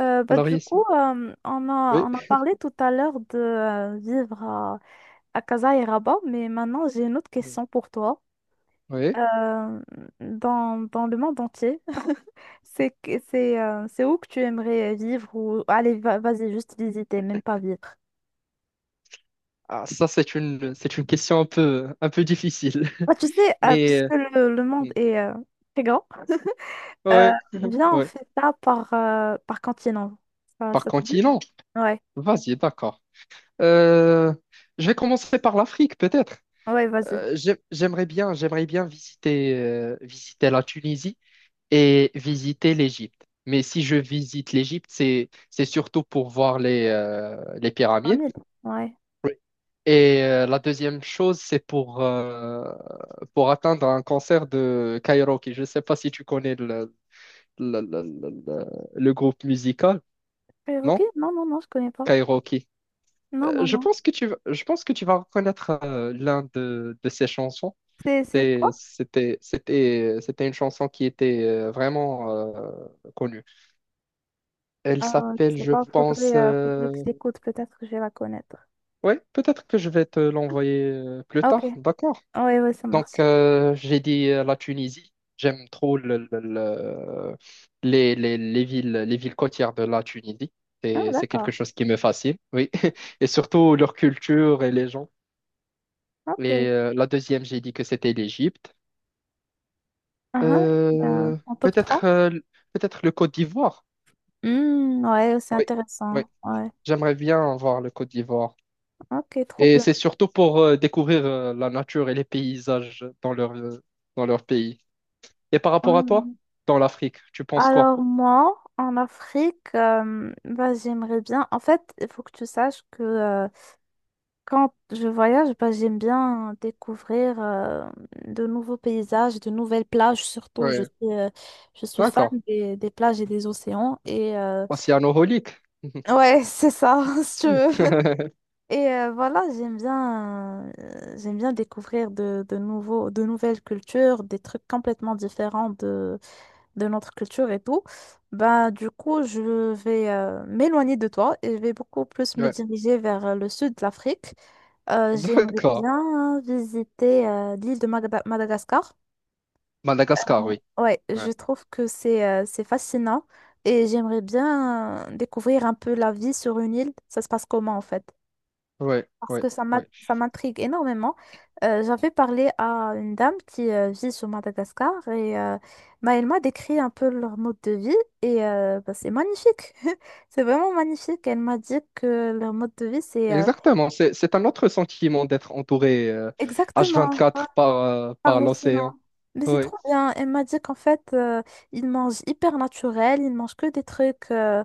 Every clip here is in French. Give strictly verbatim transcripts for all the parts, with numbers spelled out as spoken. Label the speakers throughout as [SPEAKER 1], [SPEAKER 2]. [SPEAKER 1] Euh, bah,
[SPEAKER 2] Alors,
[SPEAKER 1] du coup,
[SPEAKER 2] Yasmine.
[SPEAKER 1] euh, on a,
[SPEAKER 2] Oui,
[SPEAKER 1] on a parlé tout à l'heure de euh, vivre à, à Casa et Rabat, mais maintenant j'ai une autre
[SPEAKER 2] mm,
[SPEAKER 1] question pour toi.
[SPEAKER 2] oui.
[SPEAKER 1] Euh, dans, dans le monde entier, c'est, que- c'est, euh, c'est où que tu aimerais vivre ou allez, va- vas-y, juste visiter, même pas vivre.
[SPEAKER 2] Ah, ça, c'est une, c'est une question un peu, un peu difficile.
[SPEAKER 1] Bah, tu sais, euh,
[SPEAKER 2] Mais,
[SPEAKER 1] puisque
[SPEAKER 2] euh,
[SPEAKER 1] le, le monde
[SPEAKER 2] mm,
[SPEAKER 1] est euh, très grand. Euh,
[SPEAKER 2] ouais, Mhm.
[SPEAKER 1] viens, on
[SPEAKER 2] Ouais.
[SPEAKER 1] fait ça par, euh, par continent. Ça,
[SPEAKER 2] Par
[SPEAKER 1] ça te dit?
[SPEAKER 2] continent,
[SPEAKER 1] Ouais,
[SPEAKER 2] vas-y, d'accord. Euh, je vais commencer par l'Afrique, peut-être.
[SPEAKER 1] ouais, vas-y.
[SPEAKER 2] Euh, j'ai- j'aimerais bien, j'aimerais bien visiter, euh, visiter la Tunisie et visiter l'Égypte. Mais si je visite l'Égypte, c'est, c'est surtout pour voir les, euh, les
[SPEAKER 1] vingt
[SPEAKER 2] pyramides.
[SPEAKER 1] mille ouais.
[SPEAKER 2] Et euh, la deuxième chose, c'est pour, euh, pour atteindre un cancer de Kairoki. Je ne sais pas si tu connais le, le, le, le- le- le groupe musical,
[SPEAKER 1] Euh, ok,
[SPEAKER 2] non?
[SPEAKER 1] non, non, non, je connais pas.
[SPEAKER 2] Kairoki.
[SPEAKER 1] Non,
[SPEAKER 2] Euh,
[SPEAKER 1] non,
[SPEAKER 2] je
[SPEAKER 1] non.
[SPEAKER 2] pense que tu, vas- je pense que tu vas reconnaître euh, l'un de, de ces chansons.
[SPEAKER 1] C'est c'est
[SPEAKER 2] C'était,
[SPEAKER 1] quoi?
[SPEAKER 2] c'était, c'était c'était une chanson qui était euh, vraiment euh, connue. Elle
[SPEAKER 1] Ah, je
[SPEAKER 2] s'appelle,
[SPEAKER 1] sais
[SPEAKER 2] je
[SPEAKER 1] pas,
[SPEAKER 2] pense...
[SPEAKER 1] faudrait, euh, faudrait que
[SPEAKER 2] euh,
[SPEAKER 1] j'écoute, peut-être que je vais la connaître.
[SPEAKER 2] Ouais, peut-être que je vais te l'envoyer euh, plus
[SPEAKER 1] Ah, ok,
[SPEAKER 2] tard, d'accord?
[SPEAKER 1] oui, oui, ça marche.
[SPEAKER 2] Donc, euh, j'ai dit euh, la Tunisie. J'aime trop le- le- le- les, les, les villes, les villes côtières de la Tunisie.
[SPEAKER 1] Ah,
[SPEAKER 2] C'est, c'est quelque
[SPEAKER 1] d'accord.
[SPEAKER 2] chose qui me fascine, oui. Et surtout leur culture et les gens.
[SPEAKER 1] Ok.
[SPEAKER 2] Et euh, la deuxième, j'ai dit que c'était l'Égypte.
[SPEAKER 1] Ah, ah, euh,
[SPEAKER 2] Euh,
[SPEAKER 1] en top trois.
[SPEAKER 2] peut-être euh, peut-être le Côte d'Ivoire.
[SPEAKER 1] Hmm, ouais, c'est
[SPEAKER 2] Oui, oui.
[SPEAKER 1] intéressant. Ouais.
[SPEAKER 2] J'aimerais bien voir le Côte d'Ivoire.
[SPEAKER 1] Ok, trop
[SPEAKER 2] Et
[SPEAKER 1] bien.
[SPEAKER 2] c'est surtout pour euh, découvrir euh, la nature et les paysages dans leur, euh, dans leur pays. Et par rapport à toi,
[SPEAKER 1] Ouais.
[SPEAKER 2] dans l'Afrique, tu penses quoi?
[SPEAKER 1] Alors moi, en Afrique, euh, bah, j'aimerais bien. En fait, il faut que tu saches que euh, quand je voyage, bah, j'aime bien découvrir euh, de nouveaux paysages, de nouvelles plages surtout. Je
[SPEAKER 2] Ouais,
[SPEAKER 1] suis, euh, je suis fan
[SPEAKER 2] d'accord.
[SPEAKER 1] des, des plages et des océans. Et euh,
[SPEAKER 2] Océanoholique.
[SPEAKER 1] ouais, c'est ça, si tu veux. Et euh, voilà, j'aime bien, euh, j'aime bien découvrir de, de nouveaux, de nouvelles cultures, des trucs complètement différents de notre culture et tout. Bah, du coup, je vais euh, m'éloigner de toi et je vais beaucoup plus me
[SPEAKER 2] Ouais,
[SPEAKER 1] diriger vers euh, le sud de l'Afrique. Euh, j'aimerais
[SPEAKER 2] d'accord.
[SPEAKER 1] bien visiter euh, l'île de Magada- Madagascar.
[SPEAKER 2] Madagascar, oui.
[SPEAKER 1] Ouais,
[SPEAKER 2] Ouais,
[SPEAKER 1] je trouve que c'est euh, c'est fascinant et j'aimerais bien euh, découvrir un peu la vie sur une île. Ça se passe comment en fait?
[SPEAKER 2] ouais,
[SPEAKER 1] Parce
[SPEAKER 2] ouais,
[SPEAKER 1] que ça m'a-
[SPEAKER 2] ouais.
[SPEAKER 1] ça m'intrigue énormément. Euh, j'avais parlé à une dame qui euh, vit sur Madagascar et euh, bah, elle m'a décrit un peu leur mode de vie et euh, bah, c'est magnifique. C'est vraiment magnifique. Elle m'a dit que leur mode de vie, c'est, euh,
[SPEAKER 2] Exactement. C'est, c'est un autre sentiment d'être entouré, euh,
[SPEAKER 1] exactement, ouais,
[SPEAKER 2] hache vingt-quatre par, euh,
[SPEAKER 1] par
[SPEAKER 2] par
[SPEAKER 1] l'océan.
[SPEAKER 2] l'océan.
[SPEAKER 1] Mais c'est
[SPEAKER 2] Ouais,
[SPEAKER 1] trop bien. Elle m'a dit qu'en fait, euh, ils mangent hyper naturel, ils mangent que des trucs, euh,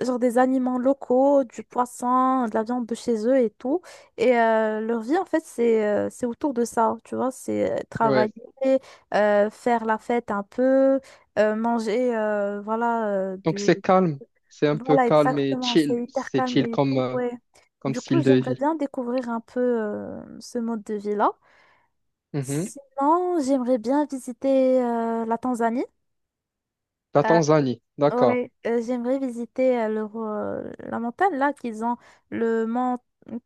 [SPEAKER 1] genre des aliments locaux, du poisson, de la viande de chez eux et tout. Et euh, leur vie, en fait, c'est euh, c'est autour de ça, tu vois, c'est euh, travailler,
[SPEAKER 2] ouais.
[SPEAKER 1] euh, faire la fête un peu, euh, manger, euh, voilà, euh,
[SPEAKER 2] Donc
[SPEAKER 1] du...
[SPEAKER 2] c'est calme. C'est un peu
[SPEAKER 1] Voilà, c'est ça,
[SPEAKER 2] calme et
[SPEAKER 1] exactement,
[SPEAKER 2] chill.
[SPEAKER 1] c'est hyper
[SPEAKER 2] C'est
[SPEAKER 1] calme
[SPEAKER 2] chill
[SPEAKER 1] et
[SPEAKER 2] comme,
[SPEAKER 1] tout,
[SPEAKER 2] euh,
[SPEAKER 1] ouais.
[SPEAKER 2] comme
[SPEAKER 1] Du coup,
[SPEAKER 2] style de
[SPEAKER 1] j'aimerais
[SPEAKER 2] vie.
[SPEAKER 1] bien découvrir un peu euh, ce mode de vie-là.
[SPEAKER 2] Mhm.
[SPEAKER 1] Sinon, j'aimerais bien visiter euh, la Tanzanie.
[SPEAKER 2] La
[SPEAKER 1] Euh,
[SPEAKER 2] Tanzanie, d'accord.
[SPEAKER 1] Ouais, euh, j'aimerais visiter euh, le ro- euh, la montagne là qu'ils ont, le mont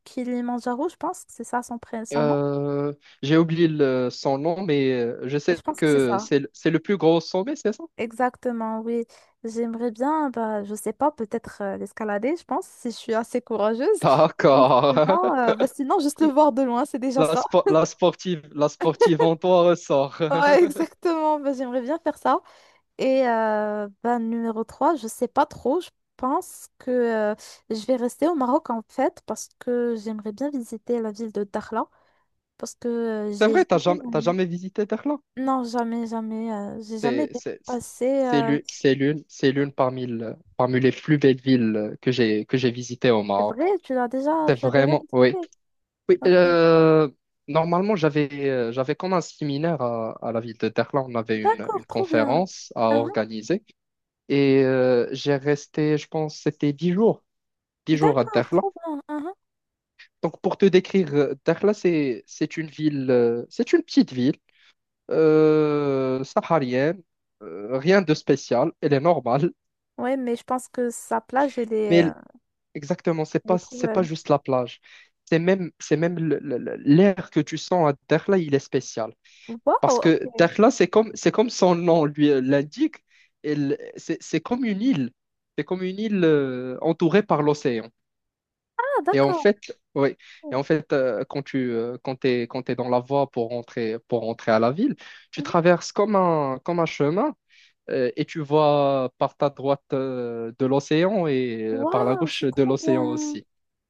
[SPEAKER 1] Kilimanjaro, je pense que c'est ça son, pré- son nom.
[SPEAKER 2] Euh, j'ai oublié le- son nom, mais euh, je
[SPEAKER 1] Je
[SPEAKER 2] sais
[SPEAKER 1] pense que c'est
[SPEAKER 2] que
[SPEAKER 1] ça.
[SPEAKER 2] c'est, le- c'est le plus gros sommet, c'est ça?
[SPEAKER 1] Exactement, oui. J'aimerais bien, bah, je sais pas, peut-être euh, l'escalader, je pense, si je suis assez courageuse. Ou
[SPEAKER 2] D'accord.
[SPEAKER 1] sinon, euh, bah, sinon, juste le voir de loin, c'est déjà
[SPEAKER 2] La,
[SPEAKER 1] ça.
[SPEAKER 2] spo- la sportive, la sportive en toi ressort.
[SPEAKER 1] Ouais, exactement, bah, j'aimerais bien faire ça. Et euh, ben, numéro trois, je sais pas trop. Je pense que euh, je vais rester au Maroc, en fait, parce que j'aimerais bien visiter la ville de Dakhla parce que euh,
[SPEAKER 2] C'est
[SPEAKER 1] j'ai
[SPEAKER 2] vrai, t'as jamais,
[SPEAKER 1] jamais.
[SPEAKER 2] t'as jamais visité Berlin.
[SPEAKER 1] Non, jamais, jamais. Euh, j'ai jamais
[SPEAKER 2] C'est, c'est,
[SPEAKER 1] dépassé.
[SPEAKER 2] c'est
[SPEAKER 1] euh,
[SPEAKER 2] l'une, c'est l'une, c'est l'une parmi, le- parmi les plus belles villes que j'ai, que j'ai visitées au
[SPEAKER 1] C'est
[SPEAKER 2] Maroc.
[SPEAKER 1] vrai, tu l'as déjà,
[SPEAKER 2] C'est
[SPEAKER 1] tu l'as déjà
[SPEAKER 2] vraiment, oui.
[SPEAKER 1] visité.
[SPEAKER 2] Oui,
[SPEAKER 1] Ok.
[SPEAKER 2] euh, normalement, j'avais, euh, j'avais comme un séminaire à, à la ville de Berlin. On avait une,
[SPEAKER 1] D'accord,
[SPEAKER 2] une
[SPEAKER 1] trop bien.
[SPEAKER 2] conférence à
[SPEAKER 1] Uhum.
[SPEAKER 2] organiser. Et euh, j'ai resté, je pense, c'était dix jours, dix jours à
[SPEAKER 1] D'accord,
[SPEAKER 2] Berlin.
[SPEAKER 1] trop bien. Uhum.
[SPEAKER 2] Donc, pour te décrire, euh, Dakhla, c'est, c'est une ville, euh, c'est une petite ville euh, saharienne, euh, rien de spécial, elle est normale,
[SPEAKER 1] Ouais, mais je pense que sa plage, elle
[SPEAKER 2] mais
[SPEAKER 1] est, euh,
[SPEAKER 2] l- exactement, c'est
[SPEAKER 1] elle est
[SPEAKER 2] pas,
[SPEAKER 1] trop
[SPEAKER 2] c'est pas
[SPEAKER 1] belle.
[SPEAKER 2] juste la plage. C'est même, c'est même le- le- le- l'air que tu sens à Dakhla, il est spécial.
[SPEAKER 1] Waouh,
[SPEAKER 2] Parce que
[SPEAKER 1] ok.
[SPEAKER 2] Dakhla, c'est comme, c'est comme son nom lui euh, l'indique, elle- c'est c'est comme une île, c'est comme une île euh, entourée par l'océan.
[SPEAKER 1] Ah,
[SPEAKER 2] Et en
[SPEAKER 1] d'accord.
[SPEAKER 2] fait, oui. Et en fait, euh, quand tu euh, quand t'es, quand t'es dans la voie pour rentrer, pour rentrer à la ville, tu
[SPEAKER 1] Mhm.
[SPEAKER 2] traverses comme un, comme un chemin, euh, et tu vois par ta droite euh, de l'océan et euh, par la
[SPEAKER 1] Waouh,
[SPEAKER 2] gauche
[SPEAKER 1] c'est
[SPEAKER 2] de
[SPEAKER 1] trop
[SPEAKER 2] l'océan
[SPEAKER 1] bien.
[SPEAKER 2] aussi.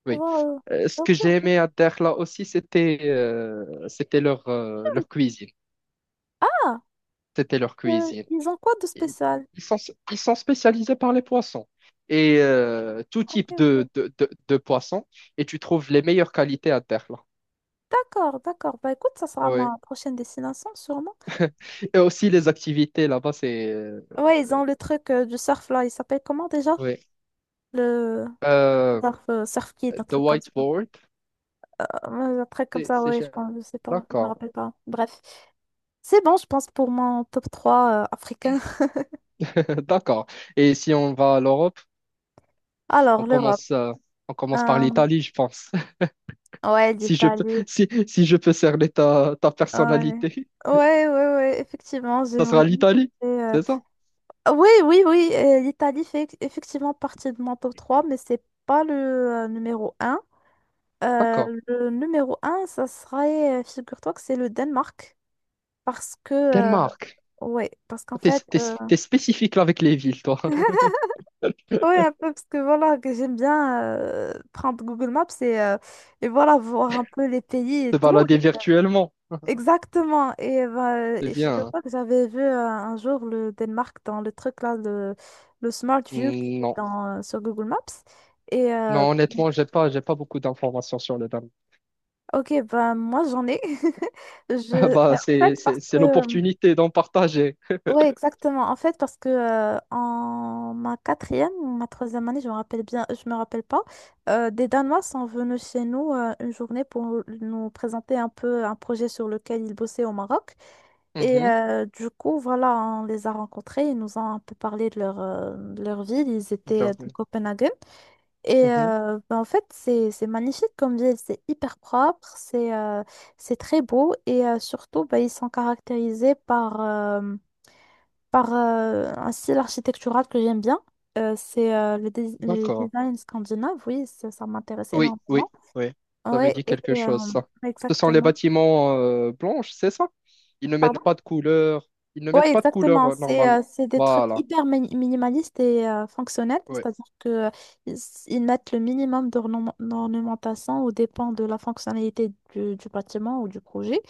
[SPEAKER 2] Oui.
[SPEAKER 1] Wow.
[SPEAKER 2] Euh, ce que
[SPEAKER 1] Ok,
[SPEAKER 2] j'ai
[SPEAKER 1] ok.
[SPEAKER 2] aimé à Dakhla aussi, c'était euh, c'était leur, euh, leur cuisine.
[SPEAKER 1] Ah,
[SPEAKER 2] C'était leur
[SPEAKER 1] euh,
[SPEAKER 2] cuisine.
[SPEAKER 1] ils ont quoi de
[SPEAKER 2] Et
[SPEAKER 1] spécial?
[SPEAKER 2] Ils sont, ils sont spécialisés par les poissons. Et euh, tout
[SPEAKER 1] Ok,
[SPEAKER 2] type de,
[SPEAKER 1] ok.
[SPEAKER 2] de, de, de poissons. Et tu trouves les meilleures qualités à Dakhla.
[SPEAKER 1] D'accord, d'accord. Bah écoute, ça sera
[SPEAKER 2] Ouais.
[SPEAKER 1] ma prochaine destination, sûrement.
[SPEAKER 2] Et aussi les activités là-bas, c'est... euh,
[SPEAKER 1] Ouais, ils ont le truc euh, du surf là. Il s'appelle comment déjà?
[SPEAKER 2] Ouais.
[SPEAKER 1] Le
[SPEAKER 2] Euh,
[SPEAKER 1] surf, euh, surf kit, un
[SPEAKER 2] The
[SPEAKER 1] truc comme ça.
[SPEAKER 2] whiteboard,
[SPEAKER 1] Euh, un truc comme
[SPEAKER 2] c'est...
[SPEAKER 1] ça,
[SPEAKER 2] c'est
[SPEAKER 1] ouais, je
[SPEAKER 2] cher.
[SPEAKER 1] pense, je sais pas, je me
[SPEAKER 2] D'accord.
[SPEAKER 1] rappelle pas. Bref. C'est bon, je pense, pour mon top trois euh, africain.
[SPEAKER 2] D'accord. Et si on va à l'Europe, on
[SPEAKER 1] Alors, l'Europe.
[SPEAKER 2] commence, euh, on commence par
[SPEAKER 1] Euh,
[SPEAKER 2] l'Italie, je pense.
[SPEAKER 1] ouais,
[SPEAKER 2] Si je peux,
[SPEAKER 1] l'Italie.
[SPEAKER 2] si, si je peux cerner ta, ta
[SPEAKER 1] Ouais.
[SPEAKER 2] personnalité,
[SPEAKER 1] Ouais, ouais, ouais, effectivement,
[SPEAKER 2] ça
[SPEAKER 1] j'aimerais
[SPEAKER 2] sera
[SPEAKER 1] bien
[SPEAKER 2] l'Italie.
[SPEAKER 1] visiter.
[SPEAKER 2] C'est ça?
[SPEAKER 1] Oui, oui, oui, euh, l'Italie fait effectivement partie de mon top trois, mais c'est pas le euh, numéro un. Euh,
[SPEAKER 2] D'accord.
[SPEAKER 1] le numéro un, ça serait, euh, figure-toi que c'est le Danemark. Parce que, euh,
[SPEAKER 2] Danemark.
[SPEAKER 1] ouais, parce qu'en
[SPEAKER 2] T'es,
[SPEAKER 1] fait,
[SPEAKER 2] t'es,
[SPEAKER 1] euh,
[SPEAKER 2] t'es spécifique là avec les villes, toi.
[SPEAKER 1] ouais, un peu, parce que voilà, que j'aime bien euh, prendre Google Maps et, euh, et voilà, voir un peu les pays et
[SPEAKER 2] Te
[SPEAKER 1] tout.
[SPEAKER 2] balader virtuellement.
[SPEAKER 1] Exactement. Et bah,
[SPEAKER 2] C'est
[SPEAKER 1] et je sais
[SPEAKER 2] bien, hein.
[SPEAKER 1] pas que j'avais vu euh, un jour le Danemark dans le truc là, le, le Smart View qui est
[SPEAKER 2] Non.
[SPEAKER 1] dans, sur Google Maps. Et euh,
[SPEAKER 2] Non, honnêtement, j'ai pas, j'ai pas beaucoup d'informations sur le Danemark.
[SPEAKER 1] ok, bah, moi j'en ai.
[SPEAKER 2] Ah
[SPEAKER 1] Je,
[SPEAKER 2] bah,
[SPEAKER 1] en fait,
[SPEAKER 2] c'est,
[SPEAKER 1] parce
[SPEAKER 2] c'est, c'est
[SPEAKER 1] que
[SPEAKER 2] l'opportunité d'en partager.
[SPEAKER 1] ouais, exactement. En fait, parce que euh, en ma quatrième ou ma troisième année, je me rappelle bien, je me rappelle pas, euh, des Danois sont venus chez nous euh, une journée pour nous présenter un peu un projet sur lequel ils bossaient au Maroc. Et
[SPEAKER 2] Mhm.
[SPEAKER 1] euh, du coup, voilà, on les a rencontrés, ils nous ont un peu parlé de leur, euh, de leur ville, ils
[SPEAKER 2] Tout
[SPEAKER 1] étaient euh,
[SPEAKER 2] à
[SPEAKER 1] de
[SPEAKER 2] fait.
[SPEAKER 1] Copenhague. Et
[SPEAKER 2] Mhm.
[SPEAKER 1] euh, ben, en fait, c'est c'est magnifique comme ville, c'est hyper propre, c'est euh, c'est très beau et euh, surtout, ben, ils sont caractérisés par, euh, par euh, un style architectural que j'aime bien. Euh, c'est euh, le, dés- le
[SPEAKER 2] D'accord.
[SPEAKER 1] design scandinave, oui, ça, ça m'intéresse
[SPEAKER 2] Oui,
[SPEAKER 1] énormément.
[SPEAKER 2] oui, oui. Ça me
[SPEAKER 1] Oui,
[SPEAKER 2] dit
[SPEAKER 1] et
[SPEAKER 2] quelque
[SPEAKER 1] euh,
[SPEAKER 2] chose, ça. Ce sont les
[SPEAKER 1] exactement.
[SPEAKER 2] bâtiments, euh, blanches, c'est ça? Ils ne mettent pas de couleur. Ils ne mettent
[SPEAKER 1] Ouais,
[SPEAKER 2] pas de couleur,
[SPEAKER 1] exactement.
[SPEAKER 2] euh,
[SPEAKER 1] C'est
[SPEAKER 2] normalement.
[SPEAKER 1] euh, c'est des trucs
[SPEAKER 2] Voilà.
[SPEAKER 1] hyper mini- minimalistes et euh, fonctionnels,
[SPEAKER 2] Ouais,
[SPEAKER 1] c'est-à-dire que euh, ils, ils mettent le minimum d'ornem- d'ornementation au dépend de la fonctionnalité du, du bâtiment ou du projet.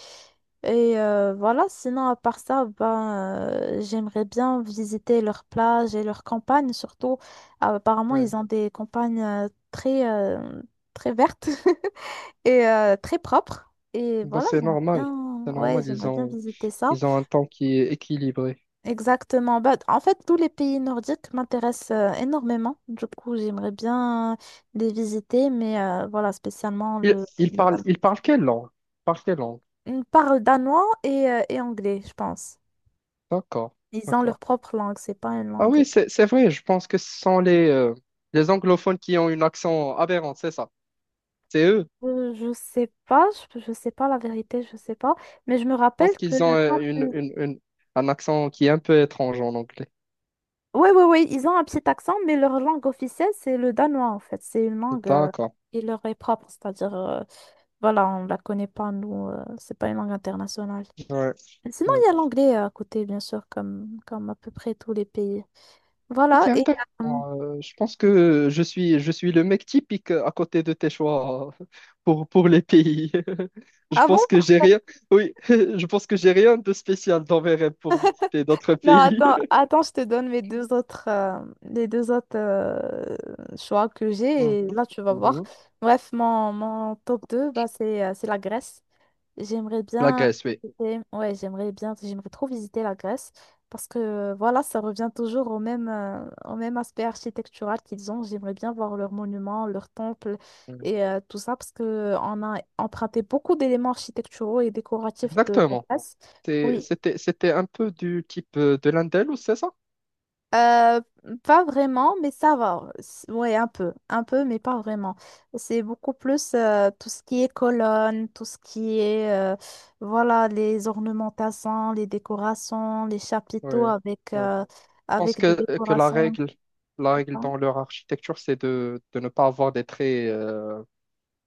[SPEAKER 1] Et euh, voilà, sinon à part ça, ben, euh, j'aimerais bien visiter leurs plages et leurs campagnes, surtout euh, apparemment
[SPEAKER 2] ouais.
[SPEAKER 1] ils ont des campagnes euh, très, euh, très vertes et euh, très propres. Et
[SPEAKER 2] Bah,
[SPEAKER 1] voilà,
[SPEAKER 2] c'est
[SPEAKER 1] j'aimerais
[SPEAKER 2] normal.
[SPEAKER 1] bien,
[SPEAKER 2] C'est
[SPEAKER 1] ouais,
[SPEAKER 2] normal. Ils
[SPEAKER 1] j'aimerais bien
[SPEAKER 2] ont,
[SPEAKER 1] visiter ça.
[SPEAKER 2] ils ont un temps qui est équilibré.
[SPEAKER 1] Exactement. Bah, en fait, tous les pays nordiques m'intéressent euh, énormément. Du coup, j'aimerais bien les visiter, mais euh, voilà, spécialement
[SPEAKER 2] Ils,
[SPEAKER 1] le,
[SPEAKER 2] ils
[SPEAKER 1] le
[SPEAKER 2] parlent,
[SPEAKER 1] Dan-.
[SPEAKER 2] ils parlent quelle langue? Ils parlent quelle langue?
[SPEAKER 1] Ils parlent danois et, euh, et anglais, je pense.
[SPEAKER 2] D'accord.
[SPEAKER 1] Ils ont leur
[SPEAKER 2] D'accord.
[SPEAKER 1] propre langue, c'est pas une
[SPEAKER 2] Ah
[SPEAKER 1] langue.
[SPEAKER 2] oui, c'est, c'est vrai. Je pense que ce sont les, euh, les anglophones qui ont un accent aberrant, c'est ça? C'est eux.
[SPEAKER 1] Euh, je sais pas, je, je sais pas la vérité, je sais pas. Mais je me
[SPEAKER 2] Je pense
[SPEAKER 1] rappelle que
[SPEAKER 2] qu'ils ont
[SPEAKER 1] quand
[SPEAKER 2] euh, une,
[SPEAKER 1] ils...
[SPEAKER 2] une, une- un accent qui est un peu étrange en anglais.
[SPEAKER 1] Oui, oui, oui, ils ont un petit accent, mais leur langue officielle, c'est le danois, en fait. C'est une langue euh,
[SPEAKER 2] D'accord.
[SPEAKER 1] qui leur est propre, c'est-à-dire, euh, voilà, on la connaît pas, nous, euh, c'est pas une langue internationale.
[SPEAKER 2] Ouais.
[SPEAKER 1] Sinon,
[SPEAKER 2] Ouais.
[SPEAKER 1] il y a l'anglais à côté, bien sûr, comme, comme à peu près tous les pays. Voilà.
[SPEAKER 2] C'est
[SPEAKER 1] Et,
[SPEAKER 2] intéressant.
[SPEAKER 1] euh,
[SPEAKER 2] Euh, je pense que je suis, je suis le mec typique à côté de tes choix, euh, pour, pour les pays. Je
[SPEAKER 1] ah bon?
[SPEAKER 2] pense que j'ai rien. Oui, je pense que j'ai rien de spécial dans mes rêves pour visiter d'autres
[SPEAKER 1] Non,
[SPEAKER 2] pays.
[SPEAKER 1] attends, attends, je te donne mes deux autres, euh, les deux autres euh, choix que
[SPEAKER 2] Mhm.
[SPEAKER 1] j'ai et là, tu vas voir.
[SPEAKER 2] Mhm.
[SPEAKER 1] Bref, mon, mon top deux, bah, c'est, euh, c'est la Grèce. J'aimerais
[SPEAKER 2] La
[SPEAKER 1] bien,
[SPEAKER 2] Grèce, oui.
[SPEAKER 1] visiter- ouais, j'aimerais bien, j'aimerais trop visiter la Grèce parce que euh, voilà, ça revient toujours au même, euh, au même aspect architectural qu'ils ont. J'aimerais bien voir leurs monuments, leurs temples
[SPEAKER 2] Ouais.
[SPEAKER 1] et euh, tout ça parce que euh, on a emprunté beaucoup d'éléments architecturaux et décoratifs de la
[SPEAKER 2] Exactement.
[SPEAKER 1] Grèce.
[SPEAKER 2] T'es-
[SPEAKER 1] Oui,
[SPEAKER 2] C'était, c'était un peu du type, euh, de l'Indel, ou c'est ça?
[SPEAKER 1] Euh, pas vraiment, mais ça va. C'est- Ouais, un peu, un peu, mais pas vraiment. C'est beaucoup plus euh, tout ce qui est colonnes, tout ce qui est, euh, voilà, les ornementations, les décorations, les chapiteaux
[SPEAKER 2] Oui,
[SPEAKER 1] avec,
[SPEAKER 2] oui. Je
[SPEAKER 1] euh,
[SPEAKER 2] pense
[SPEAKER 1] avec des
[SPEAKER 2] que, euh, que la
[SPEAKER 1] décorations.
[SPEAKER 2] règle, la règle
[SPEAKER 1] Hein.
[SPEAKER 2] dans leur architecture, c'est de, de ne pas avoir des traits, euh,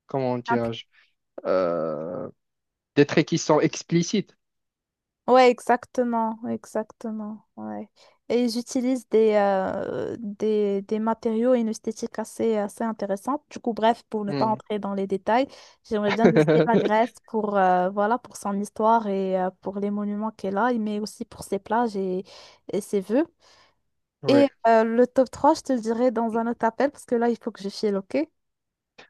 [SPEAKER 2] comment dirais-je, euh, des traits qui sont explicites.
[SPEAKER 1] Ouais, exactement, exactement, ouais. Et j'utilise des, euh, des, des matériaux et une esthétique assez, assez intéressante. Du coup, bref, pour ne pas
[SPEAKER 2] Oui.
[SPEAKER 1] entrer dans les détails, j'aimerais bien visiter la Grèce pour, euh, voilà, pour son histoire et euh, pour les monuments qu'elle a, mais aussi pour ses plages et, et ses vœux. Et euh, le top trois je te le dirai dans un autre appel parce que là, il faut que je file, ok?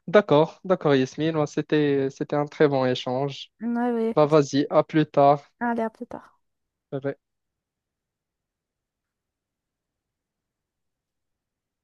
[SPEAKER 2] D'accord, d'accord Yasmine. Ouais, c'était c'était un très bon échange.
[SPEAKER 1] Ouais, ouais,
[SPEAKER 2] Bah
[SPEAKER 1] effectivement.
[SPEAKER 2] vas-y, à plus tard.
[SPEAKER 1] Allez, à plus tard.
[SPEAKER 2] Bye bye.